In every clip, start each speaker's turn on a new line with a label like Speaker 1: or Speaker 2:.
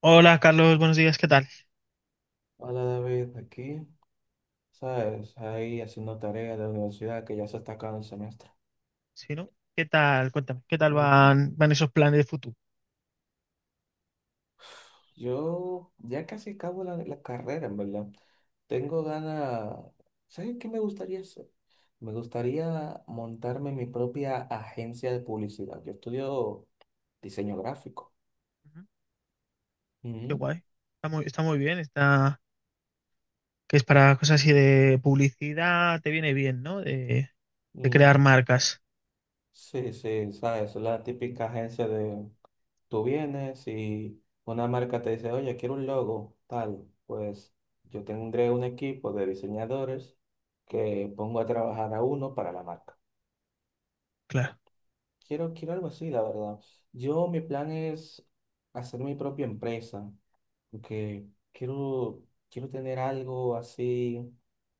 Speaker 1: Hola Carlos, buenos días, ¿qué tal?
Speaker 2: Hola David, aquí, ¿sabes? Ahí haciendo tareas de la universidad que ya se está acabando el semestre.
Speaker 1: Sí, ¿no? ¿Qué tal? Cuéntame, ¿qué tal
Speaker 2: Ujú.
Speaker 1: van esos planes de futuro?
Speaker 2: Yo ya casi acabo la carrera, en verdad. Tengo ganas, ¿sabes qué me gustaría hacer? Me gustaría montarme mi propia agencia de publicidad. Yo estudio diseño gráfico.
Speaker 1: Ujú. Qué
Speaker 2: Ujú,
Speaker 1: guay. Está muy bien, está que es para cosas así de publicidad, te viene bien, ¿no? De crear
Speaker 2: ujú.
Speaker 1: marcas.
Speaker 2: Sí, sí, ¿sabes? La típica agencia de tú vienes y una marca te dice, oye, quiero un logo, tal. Pues yo tendré un equipo de diseñadores que pongo a trabajar a uno para la marca.
Speaker 1: Claro.
Speaker 2: Quiero, quiero algo así, la verdad. Yo, mi plan es hacer mi propia empresa, porque quiero, quiero tener algo así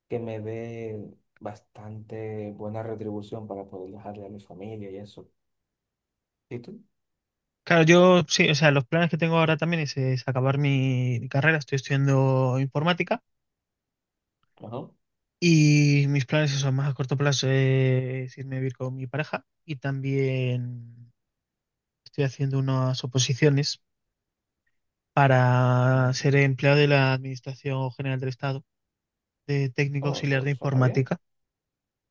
Speaker 2: que me dé bastante buena retribución para poder dejarle a mi familia y eso. ¿Y tú?
Speaker 1: Claro, yo sí, o sea, los planes que tengo ahora también es acabar mi carrera, estoy estudiando informática
Speaker 2: Ajá.
Speaker 1: y mis planes son más a corto plazo es irme a vivir con mi pareja y también estoy haciendo unas oposiciones para
Speaker 2: Mm.
Speaker 1: ser empleado de la Administración General del Estado, de técnico
Speaker 2: Oh,
Speaker 1: auxiliar
Speaker 2: eso
Speaker 1: de
Speaker 2: suena bien.
Speaker 1: informática.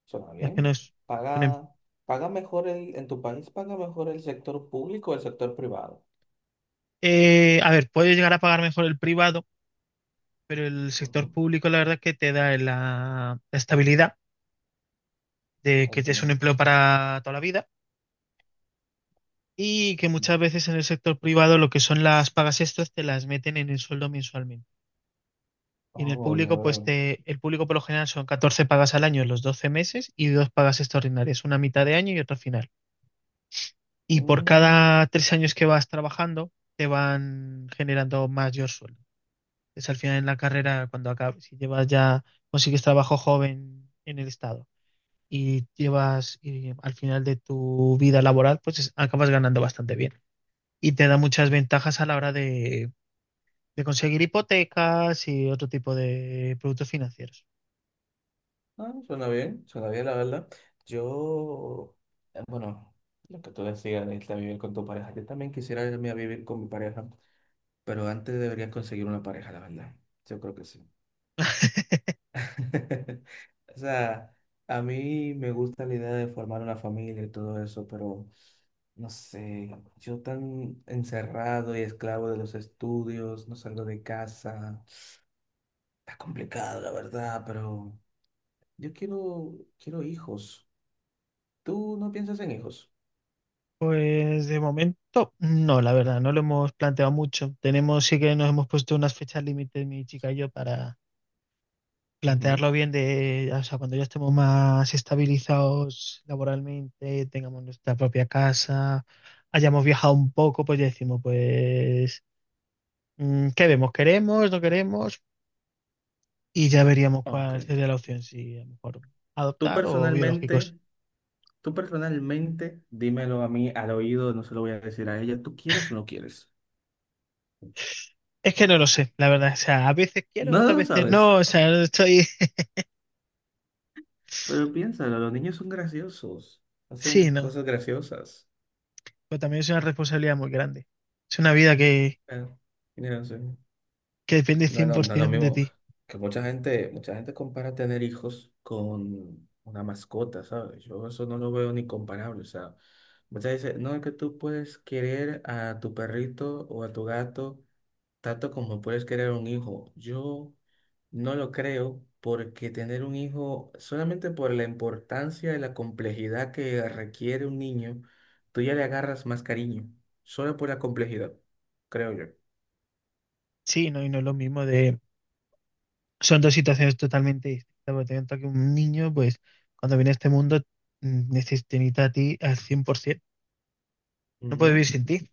Speaker 2: Suena
Speaker 1: Es que no
Speaker 2: bien.
Speaker 1: es un em-
Speaker 2: Paga, paga mejor en tu país paga mejor el sector público o el sector privado.
Speaker 1: eh, a ver, puede llegar a pagar mejor el privado, pero el sector
Speaker 2: Ujú.
Speaker 1: público la verdad es que te da la estabilidad de que es un
Speaker 2: Entiendo.
Speaker 1: empleo para toda la vida y que muchas veces en el sector privado lo que son las pagas extras te las meten en el sueldo mensualmente. Y en el
Speaker 2: Oh, ya
Speaker 1: público,
Speaker 2: veo.
Speaker 1: el público por lo general son 14 pagas al año en los 12 meses y 2 pagas extraordinarias, una a mitad de año y otra a final. Y por
Speaker 2: Mm.
Speaker 1: cada 3 años que vas trabajando, te van generando mayor sueldo. Es al final en la carrera, cuando acabes, si llevas ya, consigues trabajo joven en el estado y llevas, y al final de tu vida laboral, pues acabas ganando bastante bien. Y te da muchas ventajas a la hora de conseguir hipotecas y otro tipo de productos financieros.
Speaker 2: Ah, suena bien, la verdad. Yo, bueno, lo que tú decías de irte a vivir con tu pareja, yo también quisiera irme a vivir con mi pareja, pero antes deberías conseguir una pareja, la verdad. Yo creo que sí. O sea, a mí me gusta la idea de formar una familia y todo eso, pero no sé, yo tan encerrado y esclavo de los estudios, no salgo de casa. Está complicado, la verdad, pero yo quiero, quiero hijos. ¿Tú no piensas en hijos?
Speaker 1: Pues de momento, no, la verdad, no lo hemos planteado mucho. Tenemos, sí que nos hemos puesto unas fechas límites, mi chica y yo, para
Speaker 2: Ujú.
Speaker 1: plantearlo bien de, o sea, cuando ya estemos más estabilizados laboralmente, tengamos nuestra propia casa, hayamos viajado un poco, pues ya decimos, pues, ¿qué vemos? ¿Queremos? ¿No queremos? Y ya veríamos
Speaker 2: Ok.
Speaker 1: cuál sería la opción, si a lo mejor
Speaker 2: Tú
Speaker 1: adoptar o biológicos.
Speaker 2: personalmente, tú personalmente, dímelo a mí al oído, no se lo voy a decir a ella. ¿Tú quieres o no quieres?
Speaker 1: Es que no lo sé, la verdad. O sea, a veces quiero,
Speaker 2: No,
Speaker 1: otras
Speaker 2: lo
Speaker 1: veces
Speaker 2: sabes.
Speaker 1: no. O sea, no estoy...
Speaker 2: Pero piénsalo, los niños son graciosos,
Speaker 1: Sí,
Speaker 2: hacen
Speaker 1: no.
Speaker 2: cosas graciosas.
Speaker 1: Pero también es una responsabilidad muy grande. Es una vida
Speaker 2: Eh, no sé.
Speaker 1: que depende
Speaker 2: No, no, no es lo
Speaker 1: 100% de
Speaker 2: mismo
Speaker 1: ti.
Speaker 2: que mucha gente compara tener hijos con una mascota, ¿sabes? Yo eso no lo veo ni comparable, o sea, muchas veces, no, es que tú puedes querer a tu perrito o a tu gato tanto como puedes querer un hijo, yo no lo creo porque tener un hijo, solamente por la importancia y la complejidad que requiere un niño, tú ya le agarras más cariño, solo por la complejidad, creo yo.
Speaker 1: Sí, no, y no es lo mismo de... Son dos situaciones totalmente distintas, porque tanto que un niño, pues, cuando viene a este mundo, te necesita a ti al 100%. No puede vivir
Speaker 2: Ujú.
Speaker 1: sin ti.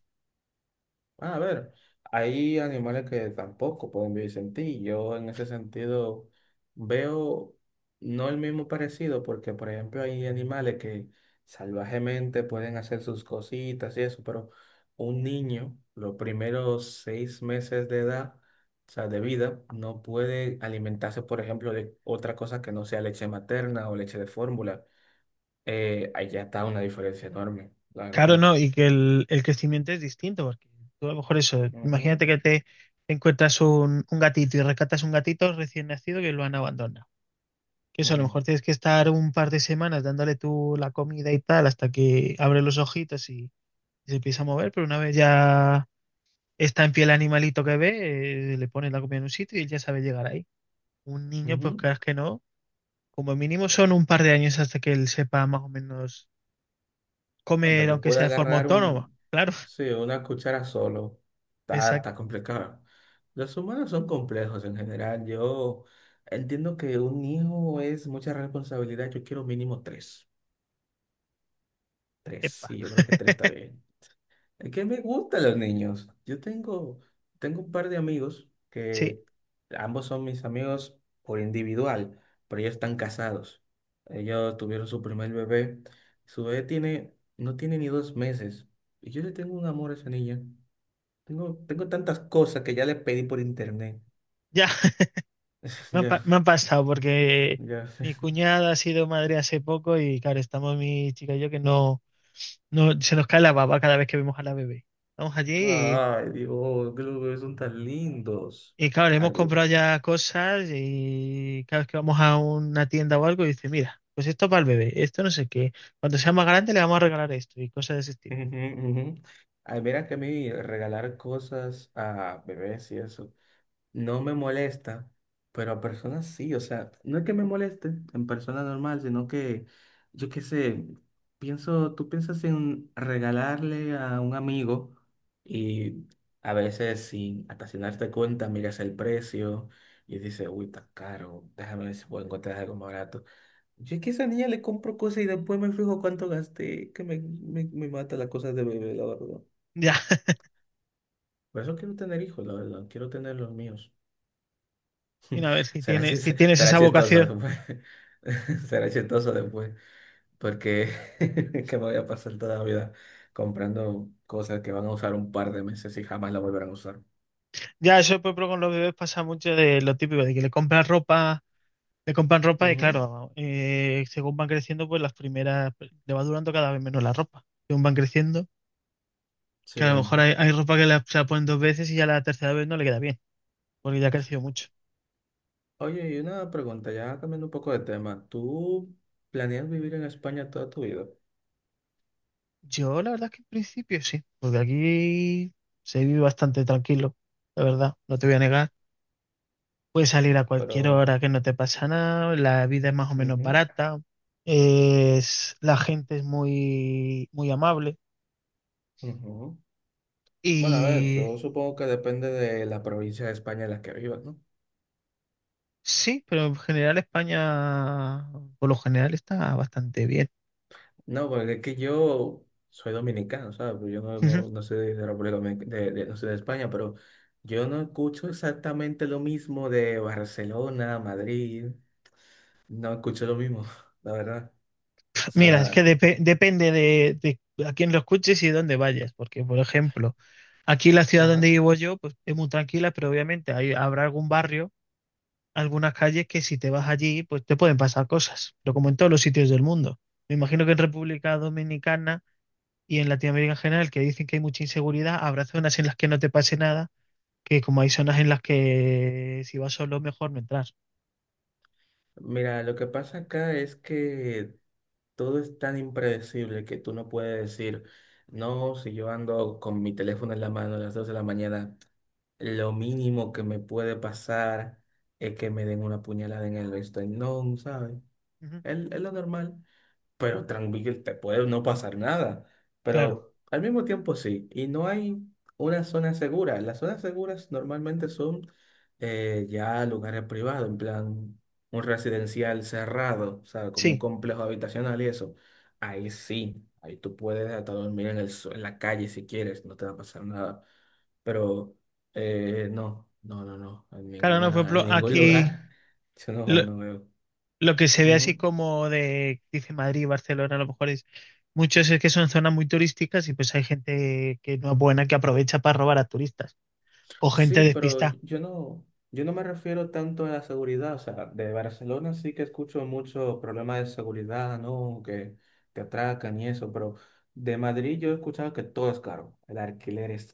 Speaker 2: Bueno, a ver, hay animales que tampoco pueden vivir sin ti. Yo en ese sentido veo no el mismo parecido, porque por ejemplo hay animales que salvajemente pueden hacer sus cositas y eso, pero un niño, los primeros 6 meses de edad, o sea, de vida, no puede alimentarse, por ejemplo, de otra cosa que no sea leche materna o leche de fórmula. Ahí ya está una diferencia enorme, la
Speaker 1: Claro,
Speaker 2: verdad.
Speaker 1: no, y que el crecimiento es distinto, porque tú a lo mejor eso,
Speaker 2: Ujú,
Speaker 1: imagínate que te encuentras un gatito y rescatas un gatito recién nacido que lo han abandonado. Que eso, a lo
Speaker 2: ujú,
Speaker 1: mejor tienes que estar un par de semanas dándole tú la comida y tal hasta que abre los ojitos y se empieza a mover, pero una vez ya está en pie el animalito que ve, le pones la comida en un sitio y él ya sabe llegar. Un niño, pues
Speaker 2: ujú.
Speaker 1: creas que no. Como mínimo son un par de años hasta que él sepa más o menos
Speaker 2: Hasta
Speaker 1: comer,
Speaker 2: que
Speaker 1: aunque sea
Speaker 2: pueda
Speaker 1: de forma
Speaker 2: agarrar
Speaker 1: autónoma.
Speaker 2: un,
Speaker 1: Claro,
Speaker 2: sí, una cuchara solo. Está,
Speaker 1: exacto.
Speaker 2: está complicado. Los humanos son complejos en general. Yo entiendo que un hijo es mucha responsabilidad. Yo quiero mínimo tres. Tres.
Speaker 1: Epa.
Speaker 2: Sí, yo creo que tres está bien. Es que me gustan los niños. Yo tengo, tengo un par de amigos
Speaker 1: Sí,
Speaker 2: que ambos son mis amigos por individual, pero ellos están casados. Ellos tuvieron su primer bebé. Su bebé tiene, no tiene ni 2 meses. Y yo le tengo un amor a esa niña. Tengo, tengo tantas cosas que ya le pedí por internet.
Speaker 1: ya,
Speaker 2: Ya,
Speaker 1: me ha pasado porque
Speaker 2: ya.
Speaker 1: mi cuñada ha sido madre hace poco y claro, estamos mi chica y yo que no, no se nos cae la baba cada vez que vemos a la bebé. Estamos allí.
Speaker 2: Ay, Dios, que los bebés son tan lindos.
Speaker 1: Y claro, le hemos comprado
Speaker 2: Algunos.
Speaker 1: ya cosas y cada vez que vamos a una tienda o algo, dice, mira, pues esto para el bebé, esto no sé qué. Cuando sea más grande le vamos a regalar esto y cosas de ese
Speaker 2: Ujú,
Speaker 1: estilo.
Speaker 2: ujú. Ay, mira que a mí regalar cosas a bebés y eso no me molesta, pero a personas sí, o sea, no es que me moleste en persona normal, sino que yo qué sé, pienso, tú piensas en regalarle a un amigo y a veces sin hasta sin darte cuenta miras el precio y dices, uy, está caro, déjame ver si puedo encontrar algo más barato. Yo que a esa niña le compro cosas y después me fijo cuánto gasté, que me mata las cosas de bebé, la verdad.
Speaker 1: Ya,
Speaker 2: Por eso quiero tener hijos, la verdad. Quiero tener los míos.
Speaker 1: y a ver si
Speaker 2: Será
Speaker 1: tienes, si tienes esa
Speaker 2: chistoso
Speaker 1: vocación.
Speaker 2: después. Será chistoso después. Porque que me voy a pasar toda la vida comprando cosas que van a usar un par de meses y jamás la volverán a usar.
Speaker 1: Ya, eso por ejemplo, con los bebés pasa mucho de lo típico, de que le compras ropa, le compran ropa y
Speaker 2: Ujú.
Speaker 1: claro, según van creciendo, pues las primeras, pues, le va durando cada vez menos la ropa. Según van creciendo,
Speaker 2: Sí.
Speaker 1: que a lo mejor hay, hay ropa se la ponen dos veces y ya la tercera vez no le queda bien, porque ya ha crecido mucho.
Speaker 2: Oye, y una pregunta, ya cambiando un poco de tema. ¿Tú planeas vivir en España toda tu vida?
Speaker 1: Yo la verdad es que en principio sí, porque aquí se vive bastante tranquilo, la verdad, no te voy a negar. Puedes salir a cualquier
Speaker 2: Pero...
Speaker 1: hora que no te pasa nada, la vida es más o menos
Speaker 2: Ujú,
Speaker 1: barata, es, la gente es muy amable
Speaker 2: ujú. Bueno, a ver, yo
Speaker 1: y
Speaker 2: supongo que depende de la provincia de España en la que vivas, ¿no?
Speaker 1: sí, pero en general España, por lo general está bastante bien.
Speaker 2: No, porque es que yo soy dominicano, ¿sabes? Pues yo no, no, no soy de República Dominicana, no soy de España, pero yo no escucho exactamente lo mismo de Barcelona, Madrid, no escucho lo mismo, la verdad. O
Speaker 1: Mira, es que
Speaker 2: sea,
Speaker 1: depende de a quién lo escuches y dónde vayas, porque por ejemplo, aquí la ciudad
Speaker 2: ajá.
Speaker 1: donde vivo yo, pues es muy tranquila, pero obviamente hay, habrá algún barrio, algunas calles que si te vas allí, pues te pueden pasar cosas, pero como en todos los sitios del mundo. Me imagino que en República Dominicana y en Latinoamérica en general, que dicen que hay mucha inseguridad, habrá zonas en las que no te pase nada, que como hay zonas en las que si vas solo, mejor no entrar.
Speaker 2: Mira, lo que pasa acá es que todo es tan impredecible que tú no puedes decir, no, si yo ando con mi teléfono en la mano a las 2 de la mañana. Lo mínimo que me puede pasar es que me den una puñalada en el esternón, ¿sabes?
Speaker 1: Ujú.
Speaker 2: Es lo normal pero tranquilo, te puede no pasar nada,
Speaker 1: Claro,
Speaker 2: pero al mismo tiempo sí, y no hay una zona segura. Las zonas seguras normalmente son ya lugares privados, en plan un residencial cerrado, o sea, como un
Speaker 1: sí.
Speaker 2: complejo habitacional y eso. Ahí sí, ahí tú puedes hasta dormir en la calle si quieres, no te va a pasar nada. Pero no, no, no, no, en
Speaker 1: Claro, no, por
Speaker 2: ninguna, en
Speaker 1: ejemplo,
Speaker 2: ningún
Speaker 1: aquí...
Speaker 2: lugar, yo no,
Speaker 1: Lo que se ve así
Speaker 2: veo.
Speaker 1: como de, dice Madrid, Barcelona, a lo mejor es muchos es que son zonas muy turísticas y pues hay gente que no es buena que aprovecha para robar a turistas o gente
Speaker 2: Sí, pero
Speaker 1: despistada.
Speaker 2: yo no me refiero tanto a la seguridad. O sea, de Barcelona sí que escucho mucho problemas de seguridad, ¿no? Que te atracan y eso, pero de Madrid yo he escuchado que todo es caro. El alquiler es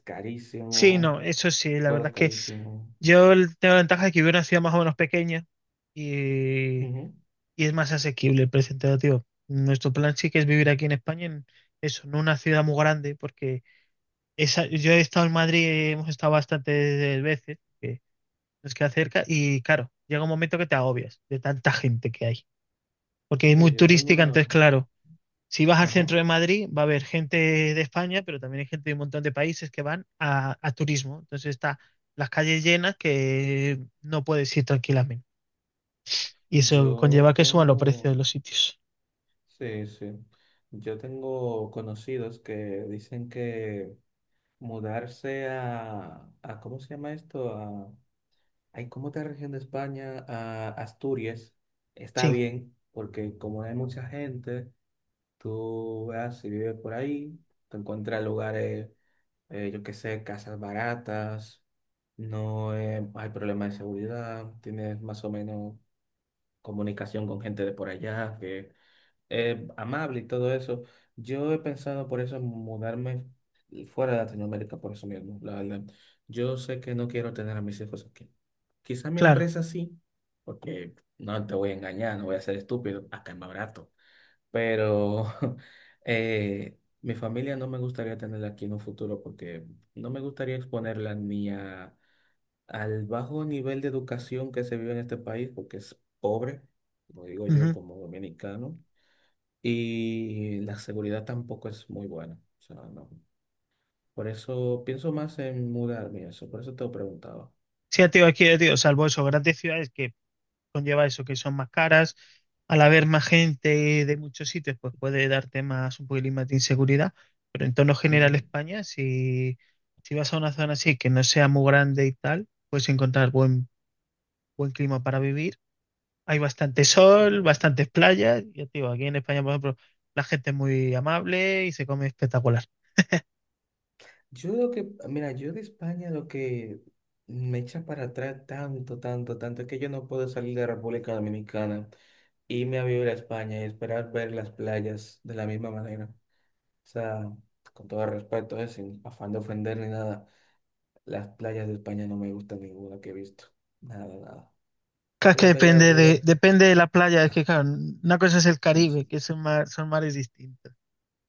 Speaker 1: Sí, no,
Speaker 2: carísimo,
Speaker 1: eso sí, la
Speaker 2: todo es
Speaker 1: verdad es que
Speaker 2: carísimo.
Speaker 1: yo tengo la ventaja de que vivo en una ciudad más o menos pequeña y,
Speaker 2: Ujú.
Speaker 1: y es más asequible el precio tío. Nuestro plan sí que es vivir aquí en España, en eso, en una ciudad muy grande, porque esa, yo he estado en Madrid, hemos estado bastantes veces. Que nos queda cerca y claro, llega un momento que te agobias de tanta gente que hay, porque es muy
Speaker 2: Sí, yo tengo
Speaker 1: turística,
Speaker 2: una...
Speaker 1: entonces claro, si vas al
Speaker 2: Ajá.
Speaker 1: centro de Madrid va a haber gente de España, pero también hay gente de un montón de países que van a turismo, entonces está las calles llenas que no puedes ir tranquilamente. Y eso
Speaker 2: Yo
Speaker 1: conlleva que suban los precios de
Speaker 2: tengo...
Speaker 1: los sitios.
Speaker 2: Sí, sí. Yo tengo conocidos que dicen que mudarse a ¿cómo se llama esto? Ay, ¿cómo está región de España a Asturias? Está
Speaker 1: Sí,
Speaker 2: bien, porque como hay mucha gente, tú vas si vives por ahí, te encuentras lugares, yo qué sé, casas baratas, no hay problema de seguridad, tienes más o menos comunicación con gente de por allá, que amable y todo eso. Yo he pensado por eso en mudarme fuera de Latinoamérica, por eso mismo, la verdad. Yo sé que no quiero tener a mis hijos aquí. Quizá mi
Speaker 1: claro.
Speaker 2: empresa sí, porque no te voy a engañar, no voy a ser estúpido, acá es más barato. Pero mi familia no me gustaría tenerla aquí en un futuro porque no me gustaría exponerla ni a, al bajo nivel de educación que se vive en este país, porque es pobre, como digo yo
Speaker 1: Ujú.
Speaker 2: como dominicano. Y la seguridad tampoco es muy buena. O sea, no. Por eso pienso más en mudarme, y eso. Por eso te lo preguntaba.
Speaker 1: Sí, tío, aquí, tío, salvo eso, grandes ciudades que conlleva eso, que son más caras. Al haber más gente de muchos sitios, pues puede darte más un poquilín más de inseguridad. Pero en tono general,
Speaker 2: Ujú.
Speaker 1: España, si, si vas a una zona así que no sea muy grande y tal, puedes encontrar buen, buen clima para vivir. Hay bastante
Speaker 2: Sí.
Speaker 1: sol, bastantes playas. Ya te digo, aquí en España, por ejemplo, la gente es muy amable y se come espectacular.
Speaker 2: Yo lo que, mira, yo de España lo que me echa para atrás tanto, tanto, tanto es que yo no puedo salir de República Dominicana, irme a vivir a España y esperar ver las playas de la misma manera. O sea, con todo respeto, sin afán de ofender ni nada, las playas de España no me gustan ninguna que he visto. Nada, nada.
Speaker 1: Claro, es
Speaker 2: Que
Speaker 1: que
Speaker 2: las playas de República.
Speaker 1: depende de la playa, es que claro, una cosa es el Caribe, que son, son mares distintos.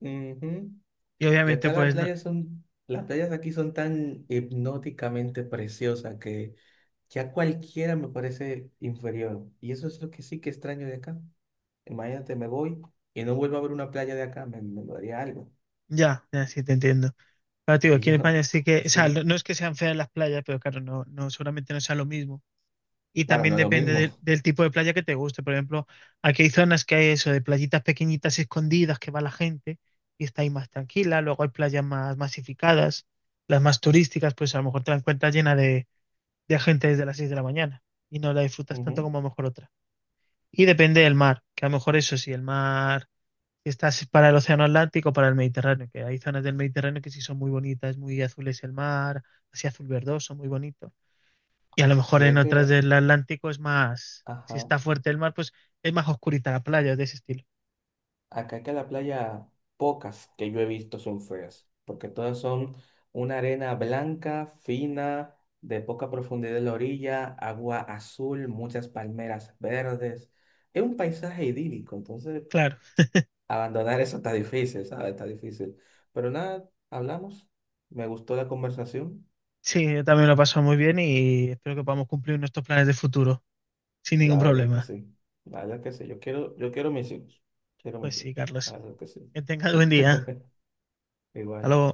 Speaker 2: Ujú.
Speaker 1: Y obviamente,
Speaker 2: Cada
Speaker 1: pues no,
Speaker 2: playa son, las playas aquí son tan hipnóticamente preciosas que ya cualquiera me parece inferior. Y eso es lo que sí que extraño de acá. Imagínate, me voy y no vuelvo a ver una playa de acá, me daría algo.
Speaker 1: ya, ya sí te entiendo. Claro, te digo,
Speaker 2: Y
Speaker 1: aquí
Speaker 2: yo,
Speaker 1: en España sí que, o sea,
Speaker 2: sí,
Speaker 1: no es que sean feas las playas, pero claro, no, no, seguramente no sea lo mismo. Y
Speaker 2: claro,
Speaker 1: también
Speaker 2: no es lo
Speaker 1: depende
Speaker 2: mismo.
Speaker 1: del tipo de playa que te guste. Por ejemplo, aquí hay zonas que hay eso, de playitas pequeñitas escondidas que va la gente y está ahí más tranquila. Luego hay playas más masificadas, las más turísticas, pues a lo mejor te la encuentras llena de gente desde las 6 de la mañana y no la disfrutas tanto
Speaker 2: Ujú.
Speaker 1: como a lo mejor otra. Y depende del mar, que a lo mejor eso sí, el mar que estás para el Océano Atlántico, para el Mediterráneo, que hay zonas del Mediterráneo que sí son muy bonitas, muy azules el mar, así azul verdoso, muy bonito. Y a lo mejor
Speaker 2: Yo
Speaker 1: en
Speaker 2: es
Speaker 1: otras
Speaker 2: que,
Speaker 1: del Atlántico es más, si
Speaker 2: ajá.
Speaker 1: está fuerte el mar, pues es más oscurita la playa, de ese estilo.
Speaker 2: Acá que la playa, pocas que yo he visto son feas, porque todas son una arena blanca, fina, de poca profundidad en la orilla, agua azul, muchas palmeras verdes. Es un paisaje idílico, entonces
Speaker 1: Claro,
Speaker 2: abandonar eso está difícil, ¿sabes? Está difícil. Pero nada, hablamos. Me gustó la conversación.
Speaker 1: sí, yo también lo paso muy bien y espero que podamos cumplir nuestros planes de futuro sin ningún
Speaker 2: La verdad es que
Speaker 1: problema.
Speaker 2: sí. La verdad es que sí. Yo quiero mis hijos. Quiero
Speaker 1: Pues
Speaker 2: mis
Speaker 1: sí,
Speaker 2: hijos. La
Speaker 1: Carlos,
Speaker 2: verdad es que sí.
Speaker 1: que tengas buen día. Hasta
Speaker 2: Igual.
Speaker 1: luego.